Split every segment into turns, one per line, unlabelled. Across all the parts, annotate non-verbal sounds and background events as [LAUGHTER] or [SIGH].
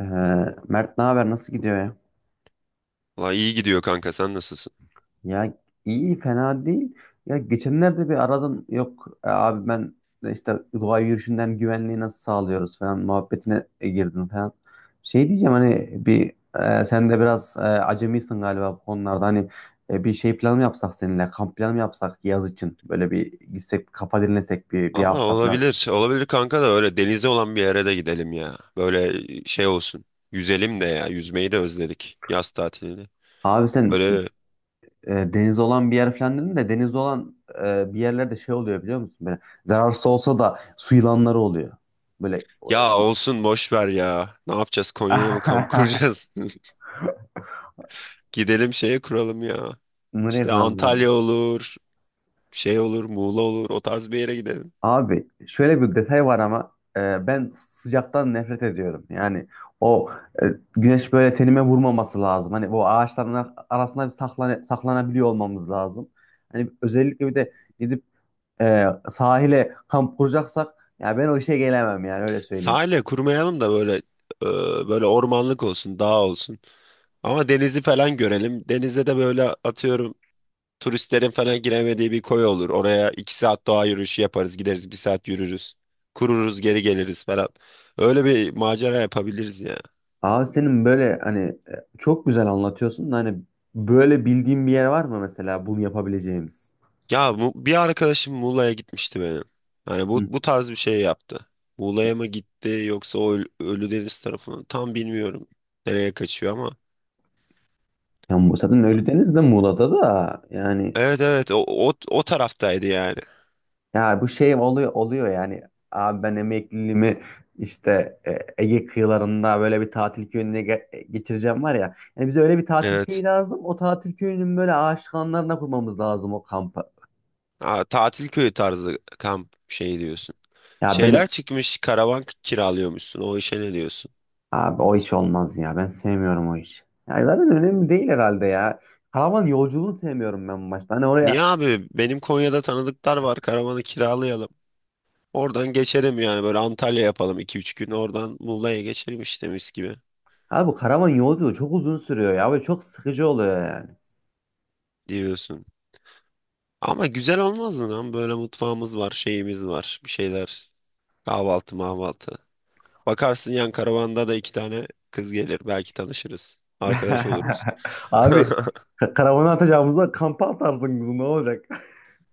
Ee, Mert ne haber? Nasıl gidiyor ya?
Valla iyi gidiyor kanka, sen nasılsın?
Ya iyi fena değil. Ya geçenlerde bir aradım. Yok abi ben de işte doğa yürüyüşünden güvenliği nasıl sağlıyoruz falan muhabbetine girdim falan. Şey diyeceğim hani bir sen de biraz acemisin galiba bu konularda. Hani bir şey planı mı yapsak seninle kamp planı mı yapsak yaz için böyle bir gitsek kafa dinlesek bir
Valla
hafta falan.
olabilir. Olabilir kanka, da öyle denize olan bir yere de gidelim ya. Böyle şey olsun. Yüzelim de ya. Yüzmeyi de özledik, yaz tatilini.
Abi sen
Böyle
deniz olan bir yer falan dedim de deniz olan bir yerlerde şey oluyor biliyor musun? Böyle zararsız olsa da su yılanları oluyor. Böyle
ya
[LAUGHS]
olsun, boş ver ya. Ne yapacağız, Konya'ya mı kamp kuracağız? [LAUGHS] Gidelim şeye kuralım ya.
bunları
İşte
yapıyorum abi.
Antalya olur. Şey olur, Muğla olur, o tarz bir yere gidelim.
Abi şöyle bir detay var ama ben sıcaktan nefret ediyorum. Yani o e, güneş böyle tenime vurmaması lazım. Hani bu ağaçların arasında bir saklanabiliyor olmamız lazım. Hani özellikle bir de gidip sahile kamp kuracaksak ya ben o işe gelemem yani öyle söyleyeyim.
Sahile kurmayalım da böyle böyle ormanlık olsun, dağ olsun. Ama denizi falan görelim. Denizde de böyle atıyorum turistlerin falan giremediği bir koy olur. Oraya iki saat doğa yürüyüşü yaparız. Gideriz, bir saat yürürüz. Kururuz, geri geliriz falan. Öyle bir macera yapabiliriz ya.
Abi senin böyle hani çok güzel anlatıyorsun da hani böyle bildiğin bir yer var mı mesela bunu yapabileceğimiz?
Ya bu, bir arkadaşım Muğla'ya gitmişti benim. Hani bu,
Hı.
bu tarz bir şey yaptı. Muğla'ya mı gitti yoksa o Ölüdeniz tarafına tam bilmiyorum. Nereye kaçıyor ama.
Ya zaten Ölüdeniz de Muğla'da da yani
Evet evet, o taraftaydı yani.
ya bu şey oluyor yani abi ben emekliliğimi işte Ege kıyılarında böyle bir tatil köyüne geçireceğim var ya. Yani bize öyle bir tatil köyü
Evet.
lazım. O tatil köyünün böyle aşık anlarına kurmamız lazım o kampı.
Ha, tatil köyü tarzı kamp şey diyorsun.
Ya
Şeyler
ben.
çıkmış, karavan kiralıyormuşsun. O işe ne diyorsun?
Abi o iş olmaz ya. Ben sevmiyorum o iş. Ya zaten önemli değil herhalde ya. Karavan yolculuğunu sevmiyorum ben başta. Hani oraya
Niye abi? Benim Konya'da tanıdıklar var. Karavanı kiralayalım. Oradan geçelim yani, böyle Antalya yapalım, iki üç gün oradan Muğla'ya geçelim, işte mis gibi
abi karavan yolculuğu çok uzun sürüyor ya ve çok sıkıcı oluyor yani.
diyorsun. Ama güzel olmaz mı lan? Böyle mutfağımız var, şeyimiz var, bir şeyler. Kahvaltı, mahvaltı. Bakarsın yan karavanda da iki tane kız gelir. Belki tanışırız. Arkadaş oluruz.
[LAUGHS] Abi
[LAUGHS]
karavana atacağımızda kampa atarsın kızım ne olacak?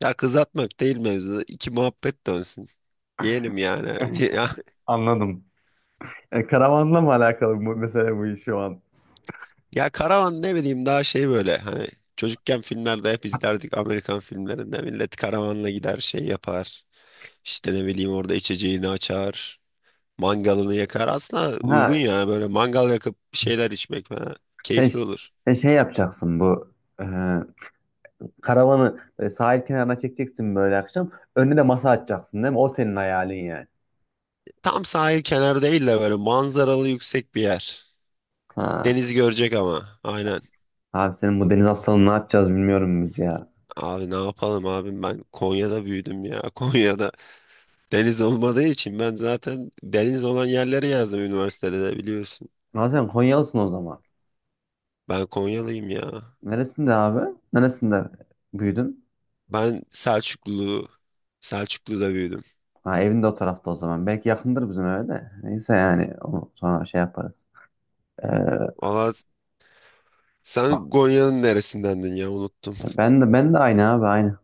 Ya kız atmak değil mevzu. İki muhabbet dönsün. Yeğenim yani. [LAUGHS]
Anladım. Karavanla mı alakalı bu mesela bu iş şu an?
Ya karavan ne bileyim, daha şey böyle hani çocukken filmlerde hep izlerdik, Amerikan filmlerinde millet karavanla gider şey yapar. İşte ne bileyim, orada içeceğini açar, mangalını yakar. Aslında uygun
Ha
yani, böyle mangal yakıp bir şeyler içmek falan
sen,
keyifli
ş-
olur.
sen şey yapacaksın bu e, karavanı böyle sahil kenarına çekeceksin böyle akşam. Önüne de masa açacaksın değil mi? O senin hayalin yani.
Tam sahil kenarı değil de böyle manzaralı yüksek bir yer.
Ha.
Denizi görecek ama, aynen.
Abi senin bu deniz hastalığını ne yapacağız bilmiyorum biz ya.
Abi ne yapalım abim, ben Konya'da büyüdüm ya. [LAUGHS] Konya'da deniz olmadığı için ben zaten deniz olan yerleri yazdım üniversitede de, biliyorsun.
Abi sen Konyalısın o zaman.
Ben Konyalıyım ya.
Neresinde abi? Neresinde büyüdün?
Ben Selçuklu, Selçuklu'da büyüdüm.
Ha evinde o tarafta o zaman. Belki yakındır bizim eve de. Neyse yani onu sonra şey yaparız. Ee,
Valla sen Konya'nın neresindendin ya, unuttum.
ben de aynı abi aynı.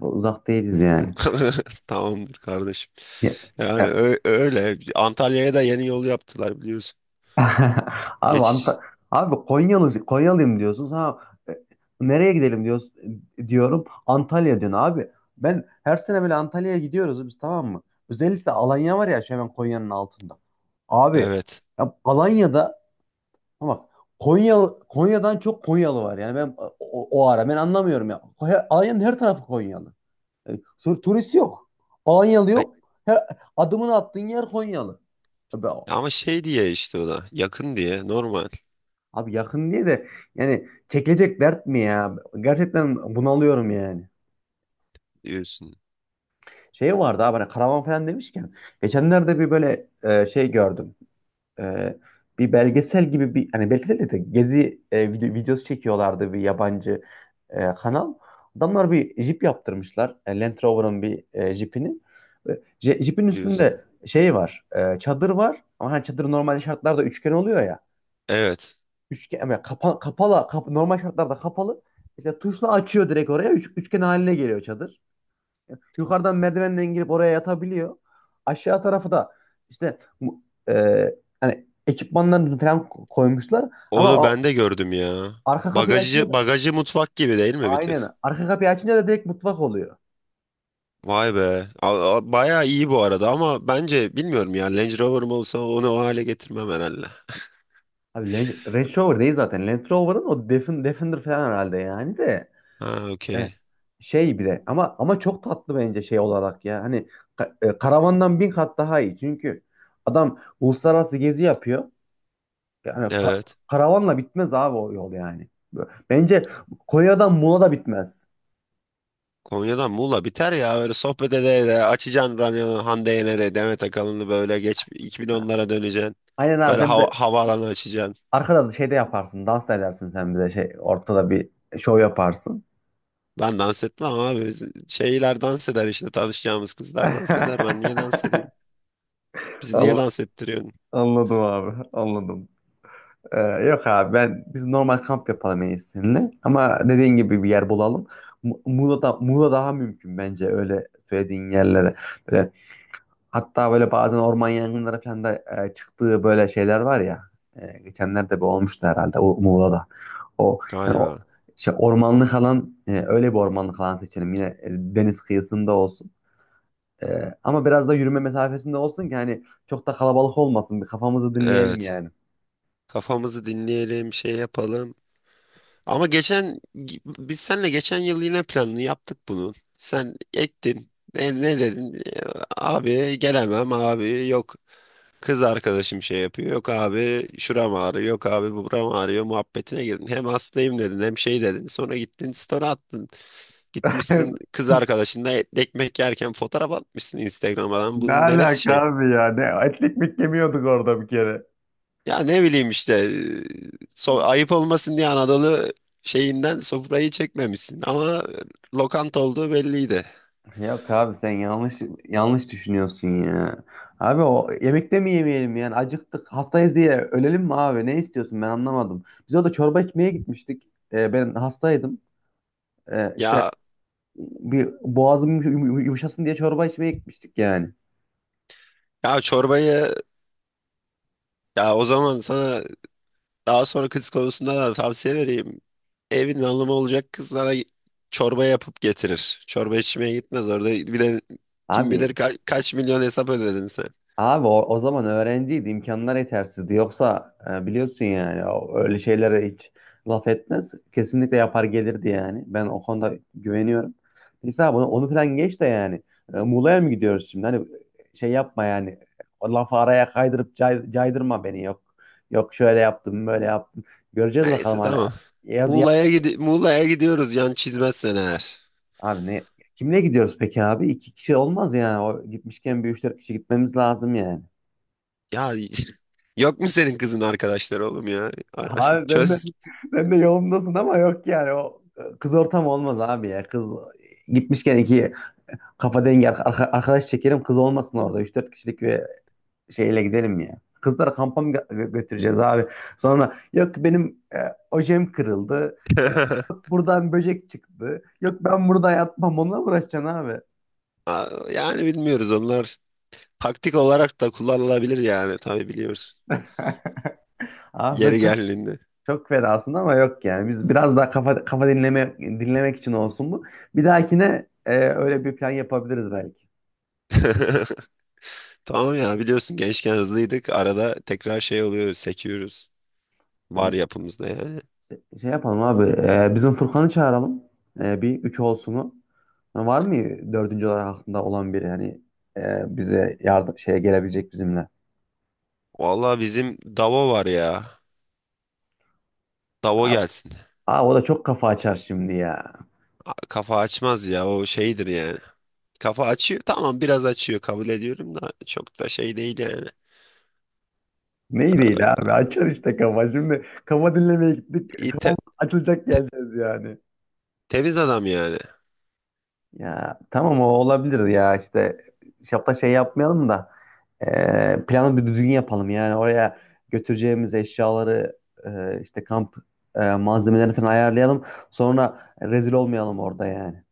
Uzak değiliz yani.
[LAUGHS] Tamamdır kardeşim. Yani
Ya,
öyle. Antalya'ya da yeni yol yaptılar, biliyorsun.
[LAUGHS] Abi Anta-
Geçiş.
abi Konyalı Konyalıyım diyorsunuz. Ha e, nereye gidelim diyoruz diyorum. Antalya diyorsun abi. Ben her sene böyle Antalya'ya gidiyoruz biz, tamam mı? Özellikle Alanya var ya şey hemen Konya'nın altında. Abi
Evet.
ya Alanya'da ama Konya Konya'dan çok Konyalı var. Yani ben o ara ben anlamıyorum ya. Alanya'nın her tarafı Konyalı. E, turist yok. Alanyalı
Ay,
yok. Her, adımını attığın yer Konyalı.
ama şey diye işte o da. Yakın diye normal
Abi yakın diye de yani çekilecek dert mi ya? Gerçekten bunalıyorum yani.
diyorsun.
Şey vardı abi hani karavan falan demişken geçenlerde bir böyle şey gördüm. E, Bir belgesel gibi bir hani belgesel de gezi videosu çekiyorlardı bir yabancı kanal. Adamlar bir jip yaptırmışlar. Land Rover'ın bir jipini. E, Jipin
Diyorsun.
üstünde şey var. Çadır var. Ama hani çadır normalde şartlarda üçgen oluyor ya.
Evet.
Üçgen yani kapalı normal şartlarda kapalı. İşte tuşla açıyor direkt oraya. Üçgen haline geliyor çadır. Yukarıdan merdivenden girip oraya yatabiliyor. Aşağı tarafı da işte e, hani ekipmanlarını falan koymuşlar ama
Onu ben de gördüm ya.
arka kapıyı açınca
Bagajı
da
bagajı mutfak gibi değil mi bir
aynen
tık?
arka kapıyı açınca da direkt mutfak oluyor.
Vay be. Bayağı iyi bu arada ama, bence bilmiyorum ya. Range Rover'ım olsa onu o hale getirmem herhalde.
Abi, Range Rover değil zaten. Land Rover'ın o Defender falan herhalde yani de.
Ha, okey.
E, Şey bir de ama çok tatlı bence şey olarak ya. Hani karavandan bin kat daha iyi. Çünkü adam uluslararası gezi yapıyor. Yani
Evet.
karavanla bitmez abi o yol yani. Bence Konya'dan Muğla da bitmez.
Konya'dan Muğla biter ya. Öyle sohbet ede ede açacaksın radyonu, Hande Yener'e, Demet Akalın'ı, böyle geç 2010'lara döneceksin.
Aynen abi
Böyle
sen bir de
havaalanı açacaksın.
arkada da şey de yaparsın. Dans da edersin sen bir de şey ortada bir şov yaparsın.
Ben dans etmem abi. Şeyler dans eder, işte tanışacağımız kızlar
[LAUGHS]
dans eder. Ben niye dans edeyim? Bizi niye
Anla-
dans ettiriyorsun?
Anladım abi. Anladım. Yok abi ben biz normal kamp yapalım en iyisi seninle. Ama dediğin gibi bir yer bulalım. Muğla daha mümkün bence öyle söylediğin yerlere. Böyle, hatta böyle bazen orman yangınları falan da çıktığı böyle şeyler var ya. Geçenlerde bir olmuştu herhalde o Muğla'da. O yani o
Galiba.
Şey ormanlık alan öyle bir ormanlık alan seçelim. Yine deniz kıyısında olsun. Ama biraz da yürüme mesafesinde olsun ki hani çok da kalabalık olmasın. Bir kafamızı dinleyelim
Evet.
yani.
Kafamızı dinleyelim, şey yapalım. Ama geçen biz seninle geçen yıl yine planını yaptık bunu. Sen ektin. Ne dedin? Abi gelemem abi, yok. Kız arkadaşım şey yapıyor. Yok abi, şuram ağrıyor. Yok abi, buram ağrıyor. Muhabbetine girdin. Hem hastayım dedin, hem şey dedin. Sonra gittin, story attın. Gitmişsin, kız
[LAUGHS]
arkadaşınla ekmek yerken fotoğraf atmışsın Instagram'a. Lan,
Ne
bunun neresi
alaka
şey?
abi ya? Ne etlik mi yemiyorduk orada bir kere?
Ya ne bileyim işte, so ayıp olmasın diye Anadolu şeyinden sofrayı çekmemişsin ama lokanta olduğu belliydi.
Yok abi sen yanlış düşünüyorsun ya. Abi o yemekte mi yemeyelim yani acıktık hastayız diye ölelim mi abi ne istiyorsun ben anlamadım. Biz orada çorba içmeye gitmiştik. Ben hastaydım. İşte
Ya
bir boğazım yumuşasın diye çorba içmeye gitmiştik yani.
ya çorbayı, ya o zaman sana daha sonra kız konusunda da tavsiye vereyim. Evin hanımı olacak kız sana çorba yapıp getirir. Çorba içmeye gitmez orada, bir de kim bilir
Abi
kaç milyon hesap ödedin sen.
Abi o zaman öğrenciydi, imkanlar yetersizdi. Yoksa biliyorsun yani öyle şeylere hiç laf etmez. Kesinlikle yapar gelirdi yani. Ben o konuda güveniyorum. Neyse abi onu falan geç de yani. Muğla'ya mı gidiyoruz şimdi? Hani şey yapma yani. O lafı araya kaydırıp caydırma beni. Yok şöyle yaptım, böyle yaptım. Göreceğiz bakalım
Neyse
hani.
tamam.
Yaz.
Muğla'ya gidiyoruz, yan çizmezsen eğer.
Abi ne? Kimle gidiyoruz peki abi? İki kişi olmaz yani. O gitmişken bir üç dört kişi gitmemiz lazım yani.
Ya, yok mu senin kızın arkadaşları oğlum ya?
Abi
[LAUGHS]
sen de,
Çöz.
sen de yolundasın ama yok yani o kız ortamı olmaz abi ya. Kız gitmişken iki kafa dengi arkadaş çekelim kız olmasın orada. Üç dört kişilik bir şeyle gidelim ya. Kızlara kampa mı götüreceğiz abi? Sonra yok benim ojem kırıldı. Yok
[LAUGHS]
buradan böcek çıktı. Yok ben burada yatmam onunla mı uğraşacaksın abi?
Aa, yani bilmiyoruz onlar. Taktik olarak da kullanılabilir yani, tabii biliyoruz.
[LAUGHS] Abi sen
Yeri
çok
geldiğinde.
Çok fena aslında ama yok yani. Biz biraz daha kafa dinlemek için olsun bu. Bir dahakine öyle bir plan yapabiliriz belki.
[LAUGHS] Tamam ya, biliyorsun gençken hızlıydık. Arada tekrar şey oluyor, sekiyoruz.
Ay,
Var yapımızda yani.
Şey yapalım abi. Bizim Furkan'ı çağıralım. Bir üç olsunu. Ha, var mı dördüncü olarak aklında olan biri yani bize yardım şeye gelebilecek bizimle?
Vallahi bizim Davo var ya. Davo
Abi,
gelsin.
abi o da çok kafa açar şimdi ya.
Kafa açmaz ya, o şeydir yani. Kafa açıyor, tamam biraz açıyor kabul ediyorum da çok da şey değil yani.
Neyi değil abi açar işte kafa. Şimdi kafa dinlemeye gittik.
İyi
Kafam açılacak
te-
geleceğiz yani.
temiz adam yani.
Ya tamam o olabilir ya işte şapta şey yapmayalım da planı bir düzgün yapalım yani oraya götüreceğimiz eşyaları işte kamp malzemelerini falan ayarlayalım sonra rezil olmayalım orada yani.